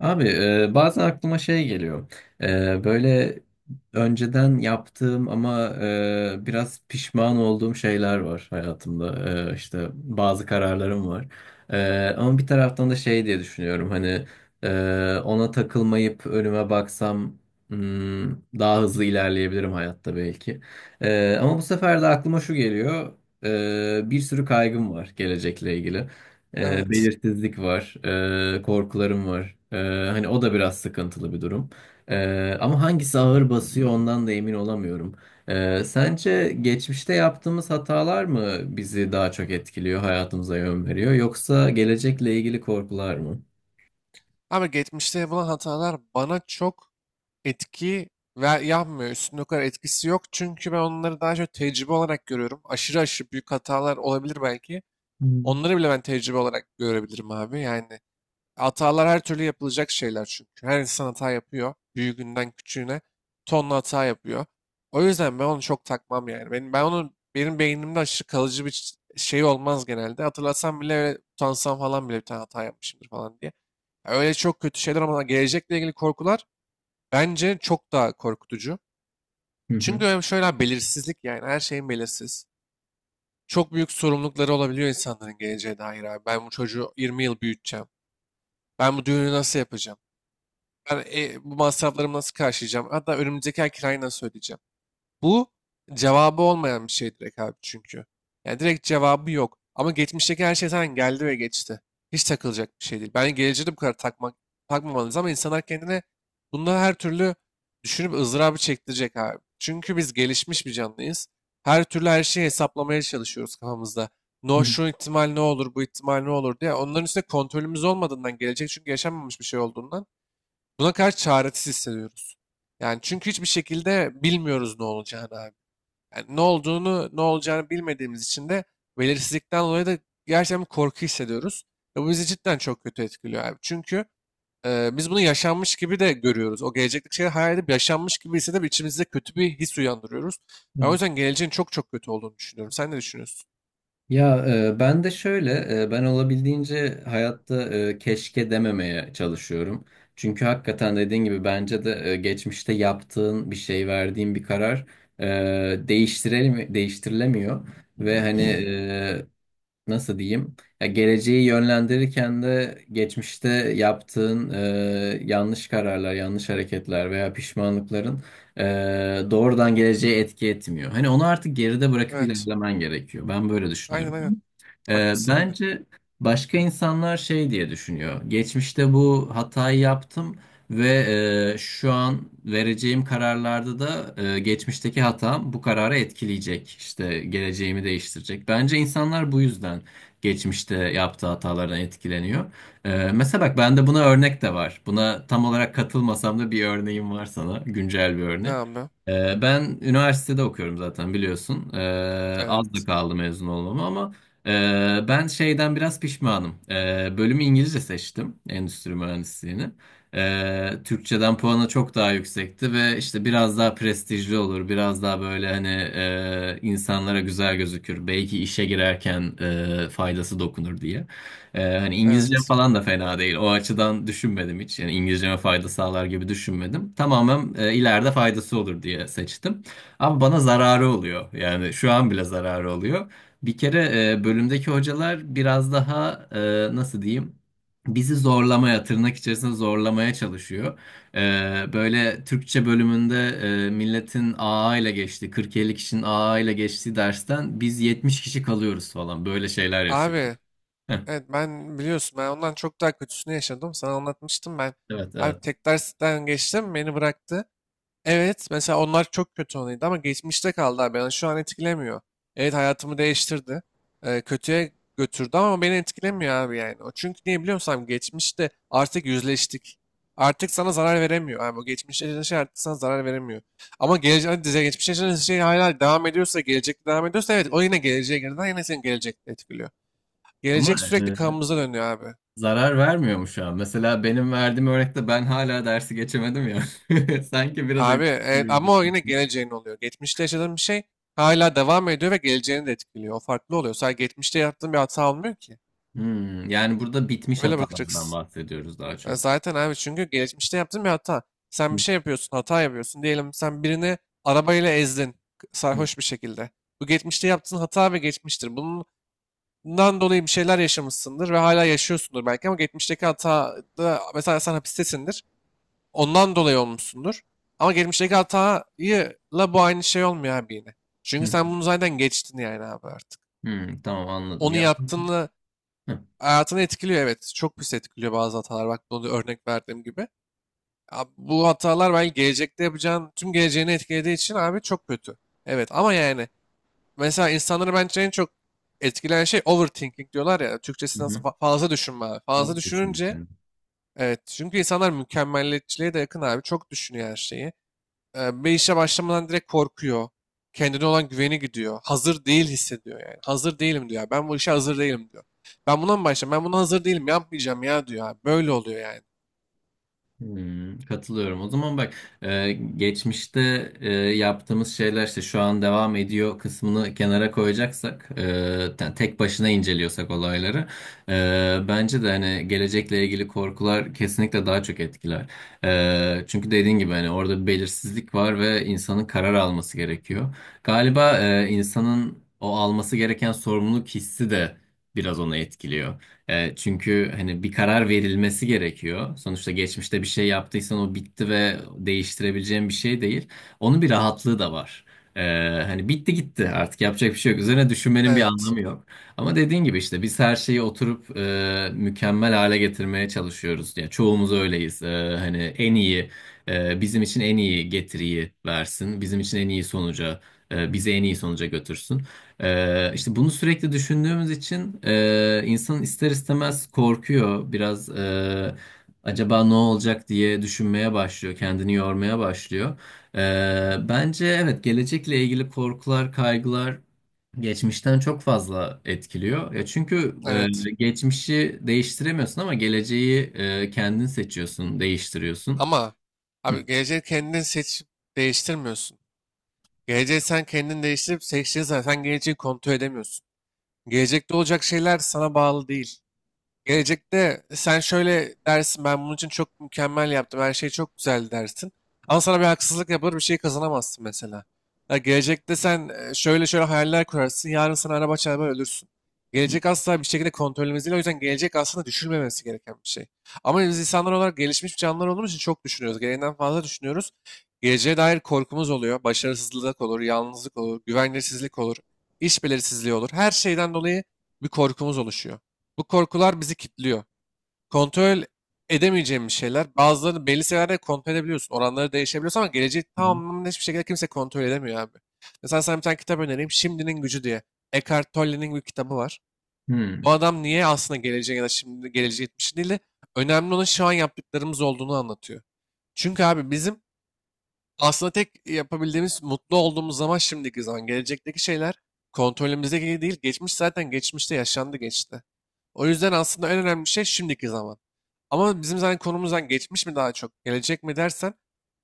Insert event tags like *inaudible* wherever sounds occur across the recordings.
Abi, bazen aklıma şey geliyor. Böyle önceden yaptığım ama biraz pişman olduğum şeyler var hayatımda. İşte bazı kararlarım var. Ama bir taraftan da şey diye düşünüyorum. Hani ona takılmayıp önüme baksam hmm, daha hızlı ilerleyebilirim hayatta belki. Ama bu sefer de aklıma şu geliyor. Bir sürü kaygım var gelecekle ilgili. Evet. Belirsizlik var, korkularım var. Hani o da biraz sıkıntılı bir durum. Ama hangisi ağır basıyor ondan da emin olamıyorum. Sence geçmişte yaptığımız hatalar mı bizi daha çok etkiliyor, hayatımıza yön veriyor, yoksa gelecekle ilgili korkular mı? Ama geçmişte yapılan hatalar bana çok etki ve yapmıyor. Üstünde o kadar etkisi yok. Çünkü ben onları daha çok tecrübe olarak görüyorum. Aşırı aşırı büyük hatalar olabilir belki. Hı hı. Onları bile ben tecrübe olarak görebilirim abi. Yani hatalar her türlü yapılacak şeyler çünkü. Her insan hata yapıyor. Büyüğünden küçüğüne tonla hata yapıyor. O yüzden ben onu çok takmam yani. Ben onu benim beynimde aşırı kalıcı bir şey olmaz genelde. Hatırlasam bile öyle utansam falan bile bir tane hata yapmışımdır falan diye. Öyle çok kötü şeyler, ama gelecekle ilgili korkular bence çok daha korkutucu. Hı Çünkü hem şöyle abi, belirsizlik, yani her şeyin belirsiz. Çok büyük sorumlulukları olabiliyor insanların geleceğe dair abi. Ben bu çocuğu 20 yıl büyüteceğim. Ben bu düğünü nasıl yapacağım? Ben bu masraflarımı nasıl karşılayacağım? Hatta önümüzdeki ay kirayı nasıl ödeyeceğim? Bu cevabı olmayan bir şey direkt abi çünkü. Yani direkt cevabı yok. Ama geçmişteki her şey zaten geldi ve geçti. Hiç takılacak bir şey değil. Bence geleceğe de bu kadar takmak, takmamalıyız, ama insanlar kendine bunları her türlü düşünüp ızdırabı çektirecek abi. Çünkü biz gelişmiş bir canlıyız. Her türlü her şeyi hesaplamaya çalışıyoruz kafamızda. No, hı. şu ihtimal ne olur, bu ihtimal ne olur diye. Onların üstüne kontrolümüz olmadığından gelecek, çünkü yaşanmamış bir şey olduğundan. Buna karşı çaresiz hissediyoruz. Yani çünkü hiçbir şekilde bilmiyoruz ne olacağını abi. Yani ne olduğunu, ne olacağını bilmediğimiz için de, belirsizlikten dolayı da gerçekten bir korku hissediyoruz. Ve bu bizi cidden çok kötü etkiliyor abi. Çünkü biz bunu yaşanmış gibi de görüyoruz. O gelecekteki şeyi hayal edip yaşanmış gibi hissedip içimizde kötü bir his uyandırıyoruz. Ben o Hı. yüzden geleceğin çok çok kötü olduğunu düşünüyorum. Sen ne düşünüyorsun? Ya ben de şöyle, ben olabildiğince hayatta keşke dememeye çalışıyorum. Çünkü hakikaten dediğin gibi bence de geçmişte yaptığın bir şey, verdiğin bir karar değiştirilemiyor. Ve hani, nasıl diyeyim? Ya geleceği yönlendirirken de geçmişte yaptığın yanlış kararlar, yanlış hareketler veya pişmanlıkların e, doğrudan geleceğe etki etmiyor. Hani onu artık geride bırakıp Evet. ilerlemen gerekiyor. Ben böyle Aynen, düşünüyorum. aynen. Haklısın, aynen. Bence başka insanlar şey diye düşünüyor. Geçmişte bu hatayı yaptım. Ve şu an vereceğim kararlarda da geçmişteki hatam bu kararı etkileyecek. İşte geleceğimi değiştirecek. Bence insanlar bu yüzden geçmişte yaptığı hatalardan etkileniyor. Mesela bak bende buna örnek de var. Buna tam olarak katılmasam da bir örneğim var sana. Güncel bir Ne örnek. abi? Ben üniversitede okuyorum zaten biliyorsun. Az da Evet. kaldı mezun olmama ama ben şeyden biraz pişmanım. Bölümü İngilizce seçtim. Endüstri mühendisliğini. Türkçeden puanı çok daha yüksekti ve işte biraz daha prestijli olur. Biraz daha böyle hani insanlara güzel gözükür. Belki işe girerken faydası dokunur diye. Hani İngilizcem Evet. falan da fena değil. O açıdan düşünmedim hiç. Yani İngilizceme fayda sağlar gibi düşünmedim. Tamamen ileride faydası olur diye seçtim. Ama bana zararı oluyor. Yani şu an bile zararı oluyor. Bir kere bölümdeki hocalar biraz daha nasıl diyeyim? Bizi zorlamaya, tırnak içerisinde zorlamaya çalışıyor. Böyle Türkçe bölümünde milletin AA ile geçtiği, 40-50 kişinin AA ile geçtiği dersten biz 70 kişi kalıyoruz falan. Böyle şeyler yaşıyoruz. Abi. Heh. Evet, ben biliyorsun ben ondan çok daha kötüsünü yaşadım. Sana anlatmıştım ben. Evet, Abi evet. tek dersten geçtim, beni bıraktı. Evet, mesela onlar çok kötü anıydı ama geçmişte kaldı abi. Yani şu an etkilemiyor. Evet, hayatımı değiştirdi. Kötüye götürdü ama beni etkilemiyor abi yani. O çünkü niye biliyor musun abi? Geçmişte artık yüzleştik. Artık sana zarar veremiyor. Abi o geçmişte yaşanan şey artık sana zarar veremiyor. Ama gelecek, hani geçmişte yaşanan şey hala devam ediyorsa, gelecekte devam ediyorsa, evet, o yine geleceğe girdiğinden yine seni gelecekte etkiliyor. Ama Gelecek e, sürekli kanımıza dönüyor abi. zarar vermiyor mu şu an? Mesela benim verdiğim örnekte ben hala dersi geçemedim ya. *laughs* Sanki biraz Abi evet, etkili. ama o yine geleceğin oluyor. Geçmişte yaşadığın bir şey hala devam ediyor ve geleceğini de etkiliyor. O farklı oluyor. Sadece geçmişte yaptığın bir hata olmuyor ki. Yani burada bitmiş Öyle hatalardan bakacaksın. bahsediyoruz daha Ya çok. zaten abi çünkü geçmişte yaptığın bir hata. Sen bir Hı, şey yapıyorsun, hata yapıyorsun. Diyelim sen birini arabayla ezdin hı, sarhoş bir şekilde. Bu geçmişte yaptığın hata ve geçmiştir. Bundan dolayı bir şeyler yaşamışsındır ve hala yaşıyorsundur belki, ama geçmişteki hata da, mesela, sen hapistesindir. Ondan dolayı olmuşsundur. Ama geçmişteki hatayla bu aynı şey olmuyor abi yine. hı, Çünkü hı. sen bunu zaten geçtin yani abi artık. Hmm, tamam anladım Onu ya. yaptığını Hı, hayatını etkiliyor, evet. Çok pis etkiliyor bazı hatalar. Bak, onu örnek verdiğim gibi. Abi bu hatalar belki gelecekte yapacağın tüm geleceğini etkilediği için abi çok kötü. Evet, ama yani mesela insanları bence en çok etkileyen şey overthinking diyorlar ya. Türkçesi nasıl, hı. Fazla düşünme abi. Fazla Fazla düşünmek düşününce, lazım. evet, çünkü insanlar mükemmelliyetçiliğe de yakın abi. Çok düşünüyor her şeyi. Bir işe başlamadan direkt korkuyor. Kendine olan güveni gidiyor. Hazır değil hissediyor yani. Hazır değilim diyor. Ben bu işe hazır değilim diyor. Ben buna mı başlayayım? Ben buna hazır değilim. Yapmayacağım ya diyor abi. Böyle oluyor yani. Hmm, katılıyorum. O zaman bak geçmişte yaptığımız şeyler işte şu an devam ediyor kısmını kenara koyacaksak yani tek başına inceliyorsak olayları bence de hani gelecekle ilgili korkular kesinlikle daha çok etkiler. Çünkü dediğin gibi hani orada bir belirsizlik var ve insanın karar alması gerekiyor. Galiba insanın o alması gereken sorumluluk hissi de biraz onu etkiliyor. Çünkü hani bir karar verilmesi gerekiyor. Sonuçta geçmişte bir şey yaptıysan o bitti ve değiştirebileceğin bir şey değil. Onun bir rahatlığı da var. E, Hani bitti gitti artık yapacak bir şey yok. Üzerine düşünmenin bir Evet. anlamı yok. Ama dediğin gibi işte biz her şeyi oturup mükemmel hale getirmeye çalışıyoruz. Yani çoğumuz öyleyiz. Hani en iyi, bizim için en iyi getiriyi versin. Bizim için en iyi sonuca, bizi en iyi sonuca götürsün. İşte bunu sürekli düşündüğümüz için insan ister istemez korkuyor. Biraz acaba ne olacak diye düşünmeye başlıyor, kendini yormaya başlıyor. Bence evet gelecekle ilgili korkular, kaygılar geçmişten çok fazla etkiliyor. Ya çünkü Evet. Geçmişi değiştiremiyorsun ama geleceği kendin seçiyorsun, değiştiriyorsun. Ama abi geleceği kendin seçip değiştirmiyorsun. Geleceği sen kendin değiştirip seçtiğin zaman sen geleceği kontrol edemiyorsun. Gelecekte olacak şeyler sana bağlı değil. Gelecekte sen şöyle dersin, ben bunun için çok mükemmel yaptım, her şey çok güzel dersin. Ama sana bir haksızlık yapılır, bir şey kazanamazsın mesela. Ya gelecekte sen şöyle şöyle hayaller kurarsın, yarın sana araba çarpar, ölürsün. Gelecek asla bir şekilde kontrolümüz değil, o yüzden gelecek aslında düşünmemesi gereken bir şey. Ama biz insanlar olarak gelişmiş canlılar olduğumuz için çok düşünüyoruz. Gereğinden fazla düşünüyoruz. Geleceğe dair korkumuz oluyor. Başarısızlık olur, yalnızlık olur, güvenlisizlik olur, iş belirsizliği olur. Her şeyden dolayı bir korkumuz oluşuyor. Bu korkular bizi kilitliyor. Kontrol edemeyeceğimiz şeyler. Bazılarını belli seviyelerde kontrol edebiliyorsun. Oranları değişebiliyorsun, ama geleceği Hı hı. tamamen hiçbir şekilde kimse kontrol edemiyor abi. Mesela sana bir tane kitap önereyim. Şimdinin Gücü diye. Eckhart Tolle'nin bir kitabı var. O Hmm. adam niye aslında geleceğe, ya da şimdi geleceğe gitmiş değil de, önemli olan şu an yaptıklarımız olduğunu anlatıyor. Çünkü abi bizim aslında tek yapabildiğimiz mutlu olduğumuz zaman şimdiki zaman. Gelecekteki şeyler kontrolümüzdeki değil. Geçmiş zaten geçmişte yaşandı, geçti. O yüzden aslında en önemli şey şimdiki zaman. Ama bizim zaten konumuzdan geçmiş mi daha çok, gelecek mi dersen,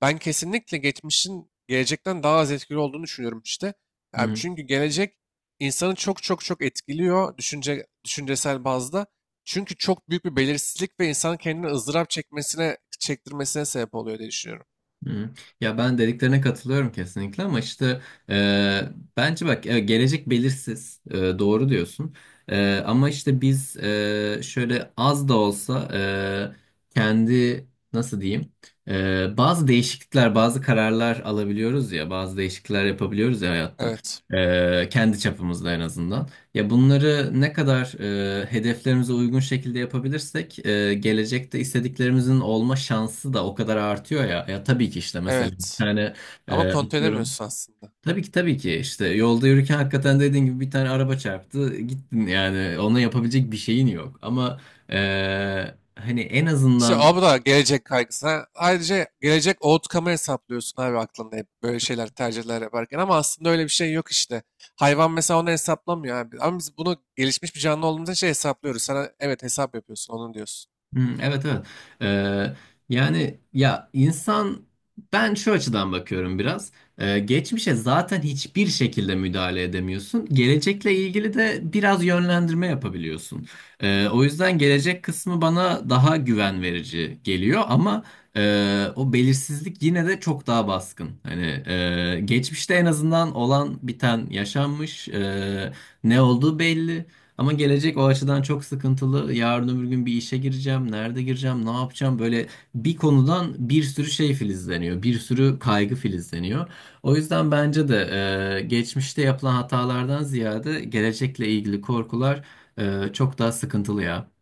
ben kesinlikle geçmişin gelecekten daha az etkili olduğunu düşünüyorum işte. Hı Yani hı. çünkü gelecek insanı çok çok çok etkiliyor düşünce, düşüncesel bazda. Çünkü çok büyük bir belirsizlik ve insanın kendini ızdırap çekmesine, çektirmesine sebep oluyor diye düşünüyorum. Hı. Ya ben dediklerine katılıyorum kesinlikle ama işte e, bence bak gelecek belirsiz, doğru diyorsun, ama işte biz şöyle az da olsa kendi nasıl diyeyim, bazı değişiklikler bazı kararlar alabiliyoruz ya bazı değişiklikler yapabiliyoruz ya hayatta Evet. E, kendi çapımızda en azından. Ya bunları ne kadar hedeflerimize uygun şekilde yapabilirsek gelecekte istediklerimizin olma şansı da o kadar artıyor ya. Ya tabii ki işte mesela bir Evet. tane Ama kontrol atıyorum. edemiyorsun aslında. Tabii ki tabii ki işte yolda yürürken hakikaten dediğin gibi bir tane araba çarptı gittin yani ona yapabilecek bir şeyin yok. Ama hani en İşte azından. o da gelecek kaygısı, ayrıca gelecek outcome'ı hesaplıyorsun abi aklında, hep böyle şeyler tercihler yaparken. Ama aslında öyle bir şey yok işte. Hayvan mesela onu hesaplamıyor abi. Ama biz bunu gelişmiş bir canlı olduğumuz için şey hesaplıyoruz. Sana evet hesap yapıyorsun onu diyorsun. Hmm, evet, evet. Ee, Yani ya insan ben şu açıdan bakıyorum biraz. Geçmişe zaten hiçbir şekilde müdahale edemiyorsun. Gelecekle ilgili de biraz yönlendirme yapabiliyorsun. O yüzden gelecek kısmı bana daha güven verici geliyor ama o belirsizlik yine de çok daha baskın. Hani geçmişte en azından olan biten yaşanmış. Ne olduğu belli. Ama gelecek o açıdan çok sıkıntılı. Yarın öbür gün bir işe gireceğim, nerede gireceğim, ne yapacağım? Böyle bir konudan bir sürü şey filizleniyor, bir sürü kaygı filizleniyor. O yüzden bence de geçmişte yapılan hatalardan ziyade gelecekle ilgili korkular çok daha sıkıntılı ya.